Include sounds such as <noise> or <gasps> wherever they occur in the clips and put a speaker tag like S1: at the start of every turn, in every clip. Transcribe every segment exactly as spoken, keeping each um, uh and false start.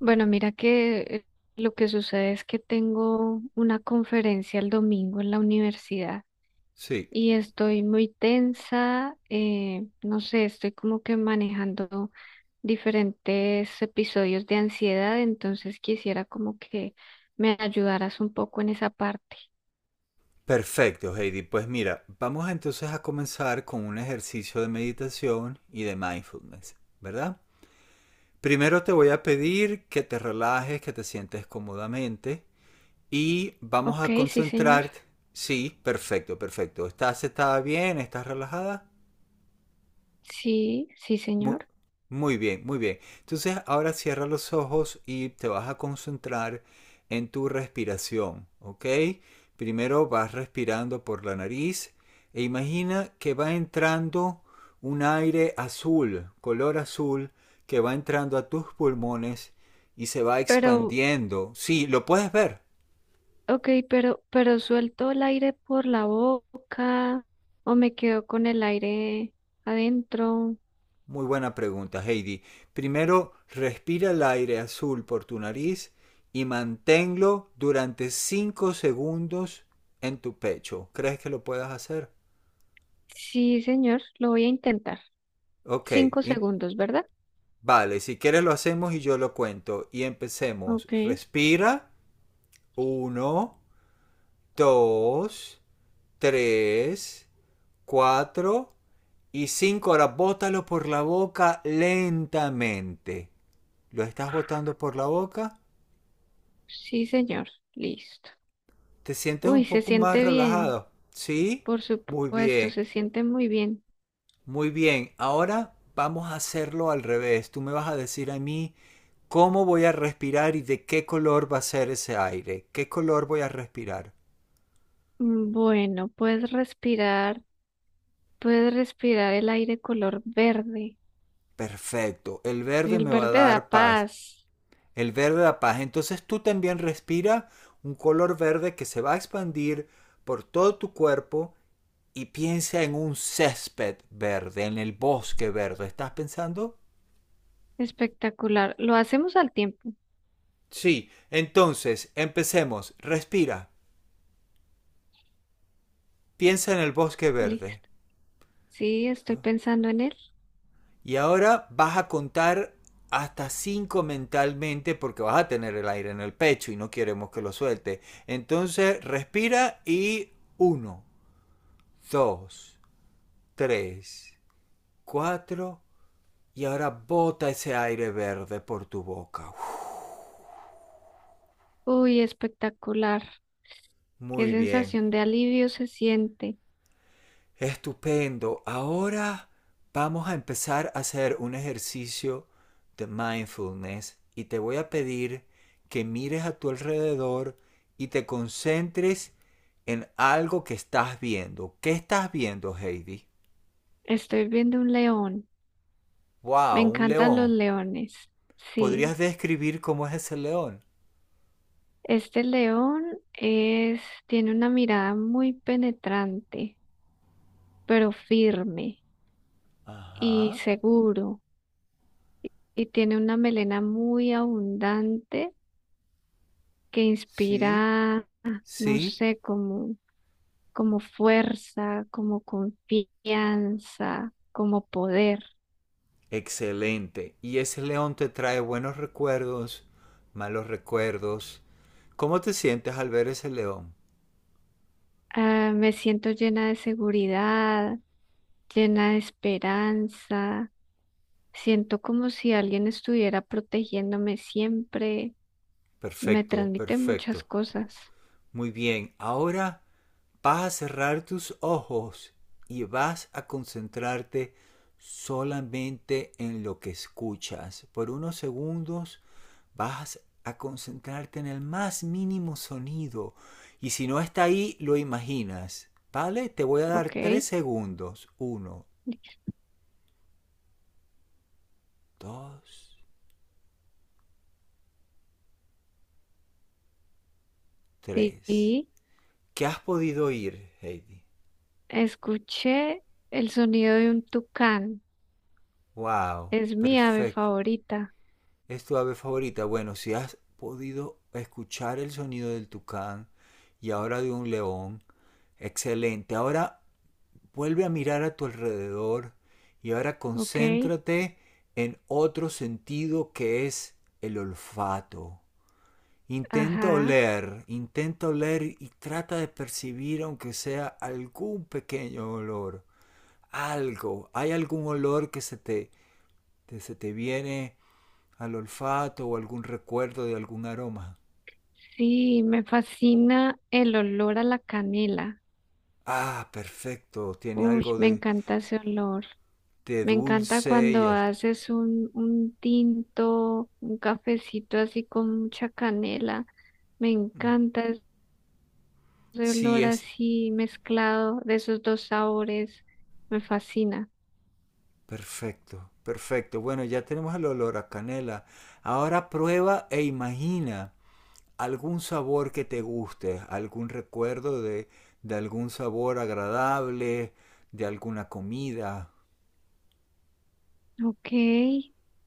S1: Bueno, mira que eh, lo que sucede es que tengo una conferencia el domingo en la universidad
S2: Sí,
S1: y estoy muy tensa, eh, no sé, estoy como que manejando diferentes episodios de ansiedad, entonces quisiera como que me ayudaras un poco en esa parte.
S2: perfecto, Heidi. Pues mira, vamos entonces a comenzar con un ejercicio de meditación y de mindfulness, ¿verdad? Primero te voy a pedir que te relajes, que te sientes cómodamente y vamos
S1: Ok,
S2: a
S1: sí, señor.
S2: concentrar. Sí, perfecto, perfecto. ¿Estás sentada bien? ¿Estás relajada?
S1: Sí, sí,
S2: Mu-
S1: señor.
S2: Muy bien, muy bien. Entonces ahora cierra los ojos y te vas a concentrar en tu respiración, ¿ok? Primero vas respirando por la nariz e imagina que va entrando un aire azul, color azul, que va entrando a tus pulmones y se va
S1: Pero
S2: expandiendo. Sí, lo puedes ver.
S1: Ok, pero, pero suelto el aire por la boca o me quedo con el aire adentro.
S2: Muy buena pregunta, Heidi. Primero, respira el aire azul por tu nariz y manténlo durante cinco segundos en tu pecho. ¿Crees que lo puedas hacer?
S1: Sí, señor, lo voy a intentar.
S2: Ok,
S1: Cinco
S2: y-
S1: segundos, ¿verdad?
S2: vale, si quieres lo hacemos y yo lo cuento. Y empecemos.
S1: Ok,
S2: Respira. Uno, dos, tres, cuatro y cinco. Ahora bótalo por la boca lentamente. ¿Lo estás botando por la boca?
S1: sí, señor, listo.
S2: ¿Te sientes un
S1: Uy, se
S2: poco más
S1: siente bien,
S2: relajado? ¿Sí?
S1: por
S2: Muy
S1: supuesto,
S2: bien,
S1: se siente muy bien.
S2: muy bien. Ahora vamos a hacerlo al revés. Tú me vas a decir a mí cómo voy a respirar y de qué color va a ser ese aire. ¿Qué color voy a respirar?
S1: Mm, Bueno, puedes respirar, puedes respirar el aire color verde.
S2: Perfecto. El verde
S1: El
S2: me va a
S1: verde
S2: dar
S1: da
S2: paz.
S1: paz.
S2: El verde da paz. Entonces tú también respira un color verde que se va a expandir por todo tu cuerpo y piensa en un césped verde, en el bosque verde. ¿Estás pensando?
S1: Espectacular. Lo hacemos al tiempo.
S2: Sí, entonces, empecemos. Respira. Piensa en el bosque verde.
S1: Listo. Sí, estoy pensando en él.
S2: Y ahora vas a contar hasta cinco mentalmente porque vas a tener el aire en el pecho y no queremos que lo suelte. Entonces, respira y uno, dos, tres, cuatro y ahora bota ese aire verde por tu boca.
S1: Uy, espectacular. Qué
S2: Muy bien.
S1: sensación de alivio se siente.
S2: Estupendo. Ahora vamos a empezar a hacer un ejercicio de mindfulness y te voy a pedir que mires a tu alrededor y te concentres en algo que estás viendo. ¿Qué estás viendo, Heidi?
S1: Estoy viendo un león. Me
S2: Wow, un
S1: encantan los
S2: león.
S1: leones. Sí,
S2: ¿Podrías describir cómo es ese león?
S1: este león es, tiene una mirada muy penetrante, pero firme y
S2: Ajá.
S1: seguro. Y tiene una melena muy abundante que
S2: Sí.
S1: inspira, no
S2: Sí.
S1: sé, como, como fuerza, como confianza, como poder.
S2: Excelente. ¿Y ese león te trae buenos recuerdos, malos recuerdos? ¿Cómo te sientes al ver ese león?
S1: Ah, me siento llena de seguridad, llena de esperanza. Siento como si alguien estuviera protegiéndome siempre. Me
S2: Perfecto,
S1: transmite muchas
S2: perfecto.
S1: cosas.
S2: Muy bien, ahora vas a cerrar tus ojos y vas a concentrarte solamente en lo que escuchas. Por unos segundos vas a concentrarte en el más mínimo sonido y si no está ahí lo imaginas. ¿Vale? Te voy a dar tres
S1: Ok.
S2: segundos. Uno, dos, tres.
S1: Sí,
S2: ¿Qué has podido oír, Heidi?
S1: escuché el sonido de un tucán.
S2: ¡Wow!
S1: Es mi ave
S2: Perfecto.
S1: favorita.
S2: ¿Es tu ave favorita? Bueno, si has podido escuchar el sonido del tucán y ahora de un león, excelente. Ahora vuelve a mirar a tu alrededor y ahora
S1: Ok.
S2: concéntrate en otro sentido que es el olfato. Intenta
S1: Ajá.
S2: oler, intenta oler y trata de percibir aunque sea algún pequeño olor, algo. Hay algún olor que se te, que se te viene al olfato o algún recuerdo de algún aroma.
S1: Sí, me fascina el olor a la canela.
S2: Ah, perfecto, tiene
S1: Uy,
S2: algo
S1: me
S2: de,
S1: encanta ese olor.
S2: de
S1: Me encanta
S2: dulce y
S1: cuando
S2: al...
S1: haces un, un tinto, un cafecito así con mucha canela. Me encanta ese
S2: sí
S1: olor
S2: es
S1: así mezclado de esos dos sabores. Me fascina.
S2: perfecto, perfecto. Bueno, ya tenemos el olor a canela. Ahora prueba e imagina algún sabor que te guste, algún recuerdo de, de algún sabor agradable, de alguna comida.
S1: Ok.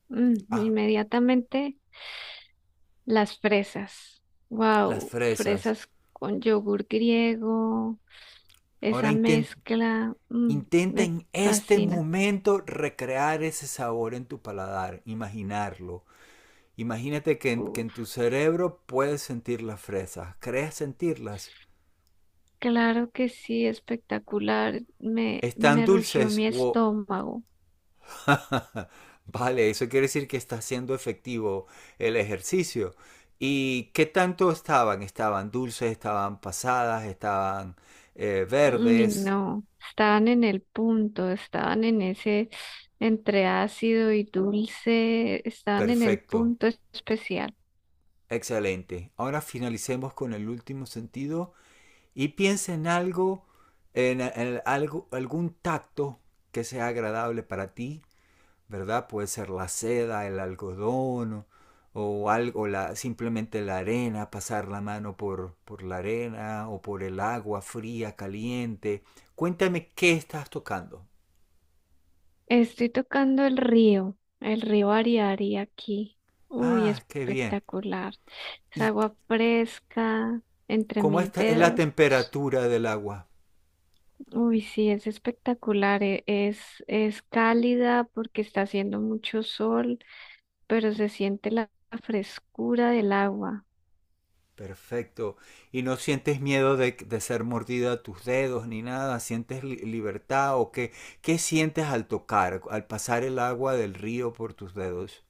S1: Mm,
S2: Ah,
S1: inmediatamente las fresas.
S2: las
S1: Wow,
S2: fresas.
S1: fresas con yogur griego.
S2: Ahora
S1: Esa
S2: intenta
S1: mezcla, mm,
S2: intenta
S1: me
S2: en este
S1: fascina.
S2: momento recrear ese sabor en tu paladar, imaginarlo. Imagínate que en, que en tu cerebro puedes sentir las fresas, crees sentirlas.
S1: Claro que sí, espectacular. Me,
S2: ¿Están
S1: me rugió
S2: dulces?
S1: mi
S2: ¡Wow!
S1: estómago.
S2: <laughs> Vale, eso quiere decir que está siendo efectivo el ejercicio. ¿Y qué tanto estaban? Estaban dulces, estaban pasadas, estaban eh,
S1: Y
S2: verdes.
S1: no, estaban en el punto, estaban en ese entre ácido y dulce, estaban en el
S2: Perfecto,
S1: punto especial.
S2: excelente. Ahora finalicemos con el último sentido y piensa en algo, en, en algo, algún tacto que sea agradable para ti, ¿verdad? Puede ser la seda, el algodón o, algo, la, simplemente la arena, pasar la mano por, por la arena o por el agua fría, caliente. Cuéntame qué estás tocando.
S1: Estoy tocando el río, el río Ariari aquí. Uy,
S2: Ah, qué bien.
S1: espectacular. Es
S2: ¿Y
S1: agua fresca entre
S2: cómo
S1: mis
S2: está, es la
S1: dedos.
S2: temperatura del agua?
S1: Uy, sí, es espectacular. e- Es, es cálida porque está haciendo mucho sol, pero se siente la frescura del agua.
S2: Perfecto. ¿Y no sientes miedo de, de ser mordida a tus dedos ni nada? ¿Sientes li- libertad o qué? ¿Qué sientes al tocar, al pasar el agua del río por tus dedos?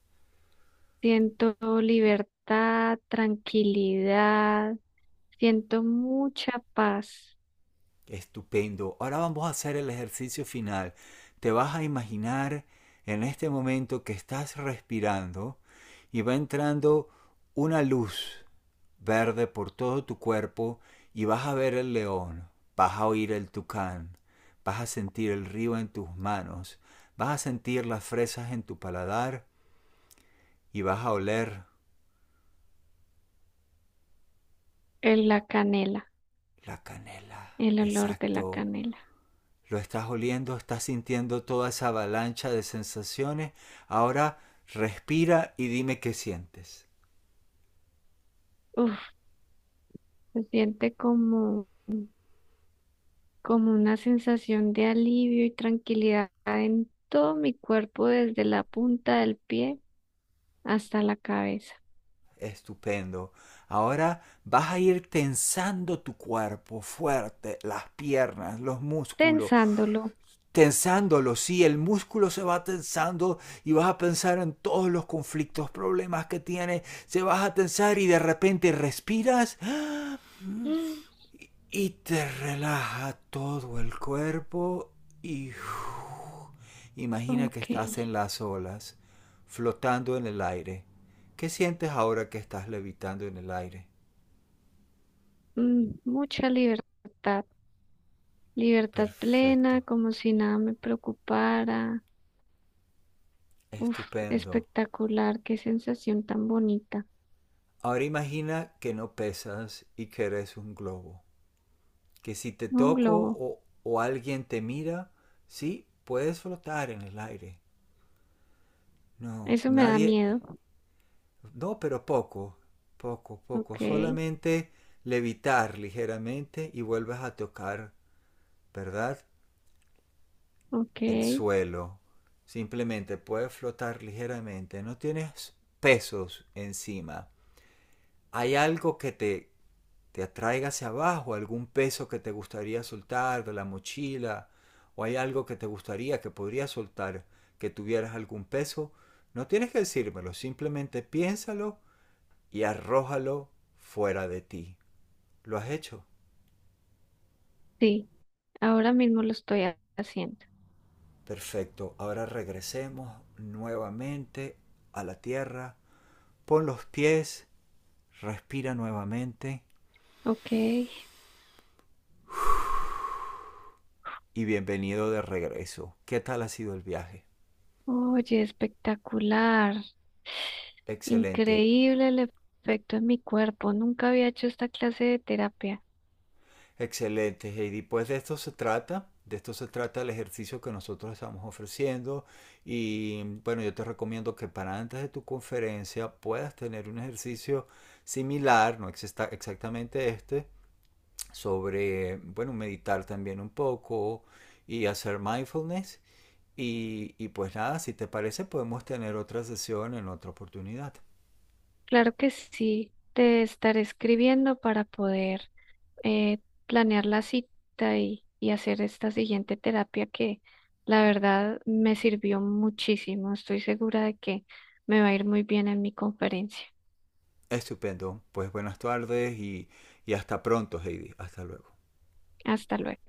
S1: Siento libertad, tranquilidad, siento mucha paz
S2: Estupendo. Ahora vamos a hacer el ejercicio final. Te vas a imaginar en este momento que estás respirando y va entrando una luz verde por todo tu cuerpo y vas a ver el león, vas a oír el tucán, vas a sentir el río en tus manos, vas a sentir las fresas en tu paladar y vas a oler
S1: en la canela,
S2: la canela.
S1: el olor de la
S2: Exacto.
S1: canela.
S2: Lo estás oliendo, estás sintiendo toda esa avalancha de sensaciones. Ahora respira y dime qué sientes.
S1: Uf, se siente como, como una sensación de alivio y tranquilidad en todo mi cuerpo, desde la punta del pie hasta la cabeza.
S2: Estupendo. Ahora vas a ir tensando tu cuerpo fuerte, las piernas, los músculos,
S1: Pensándolo,
S2: tensándolo, sí, el músculo se va tensando y vas a pensar en todos los conflictos, problemas que tiene, se vas a tensar y de repente respiras
S1: mm,
S2: y te relaja todo el cuerpo y uff, imagina que
S1: <gasps>
S2: estás
S1: ok,
S2: en las olas, flotando en el aire. ¿Qué sientes ahora que estás levitando en el aire?
S1: mm, mucha libertad. Libertad
S2: Perfecto,
S1: plena, como si nada me preocupara. Uf,
S2: estupendo.
S1: espectacular, qué sensación tan bonita.
S2: Ahora imagina que no pesas y que eres un globo, que si te
S1: Un
S2: toco
S1: globo,
S2: o, o alguien te mira, sí, puedes flotar en el aire. No,
S1: eso me da
S2: nadie,
S1: miedo.
S2: no, pero poco, poco, poco,
S1: Ok,
S2: solamente levitar ligeramente y vuelves a tocar, ¿verdad?
S1: ok,
S2: El suelo. Simplemente puedes flotar ligeramente, no tienes pesos encima. Hay algo que te te atraiga hacia abajo, algún peso que te gustaría soltar de la mochila o hay algo que te gustaría que podrías soltar que tuvieras algún peso, no tienes que decírmelo, simplemente piénsalo y arrójalo fuera de ti. ¿Lo has hecho?
S1: sí, ahora mismo lo estoy ha- haciendo.
S2: Perfecto. Ahora regresemos nuevamente a la tierra. Pon los pies, respira nuevamente
S1: Ok,
S2: y bienvenido de regreso. ¿Qué tal ha sido el viaje?
S1: oye, espectacular,
S2: Excelente.
S1: increíble el efecto en mi cuerpo. Nunca había hecho esta clase de terapia.
S2: Excelente, Heidi. Pues de esto se trata, de esto se trata el ejercicio que nosotros estamos ofreciendo y bueno, yo te recomiendo que para antes de tu conferencia puedas tener un ejercicio similar, no exista- exactamente este, sobre, bueno, meditar también un poco y hacer mindfulness. Y, y pues nada, si te parece, podemos tener otra sesión en otra oportunidad.
S1: Claro que sí, te estaré escribiendo para poder eh, planear la cita y, y hacer esta siguiente terapia que la verdad me sirvió muchísimo. Estoy segura de que me va a ir muy bien en mi conferencia.
S2: Estupendo. Pues buenas tardes y, y hasta pronto, Heidi. Hasta luego.
S1: Hasta luego.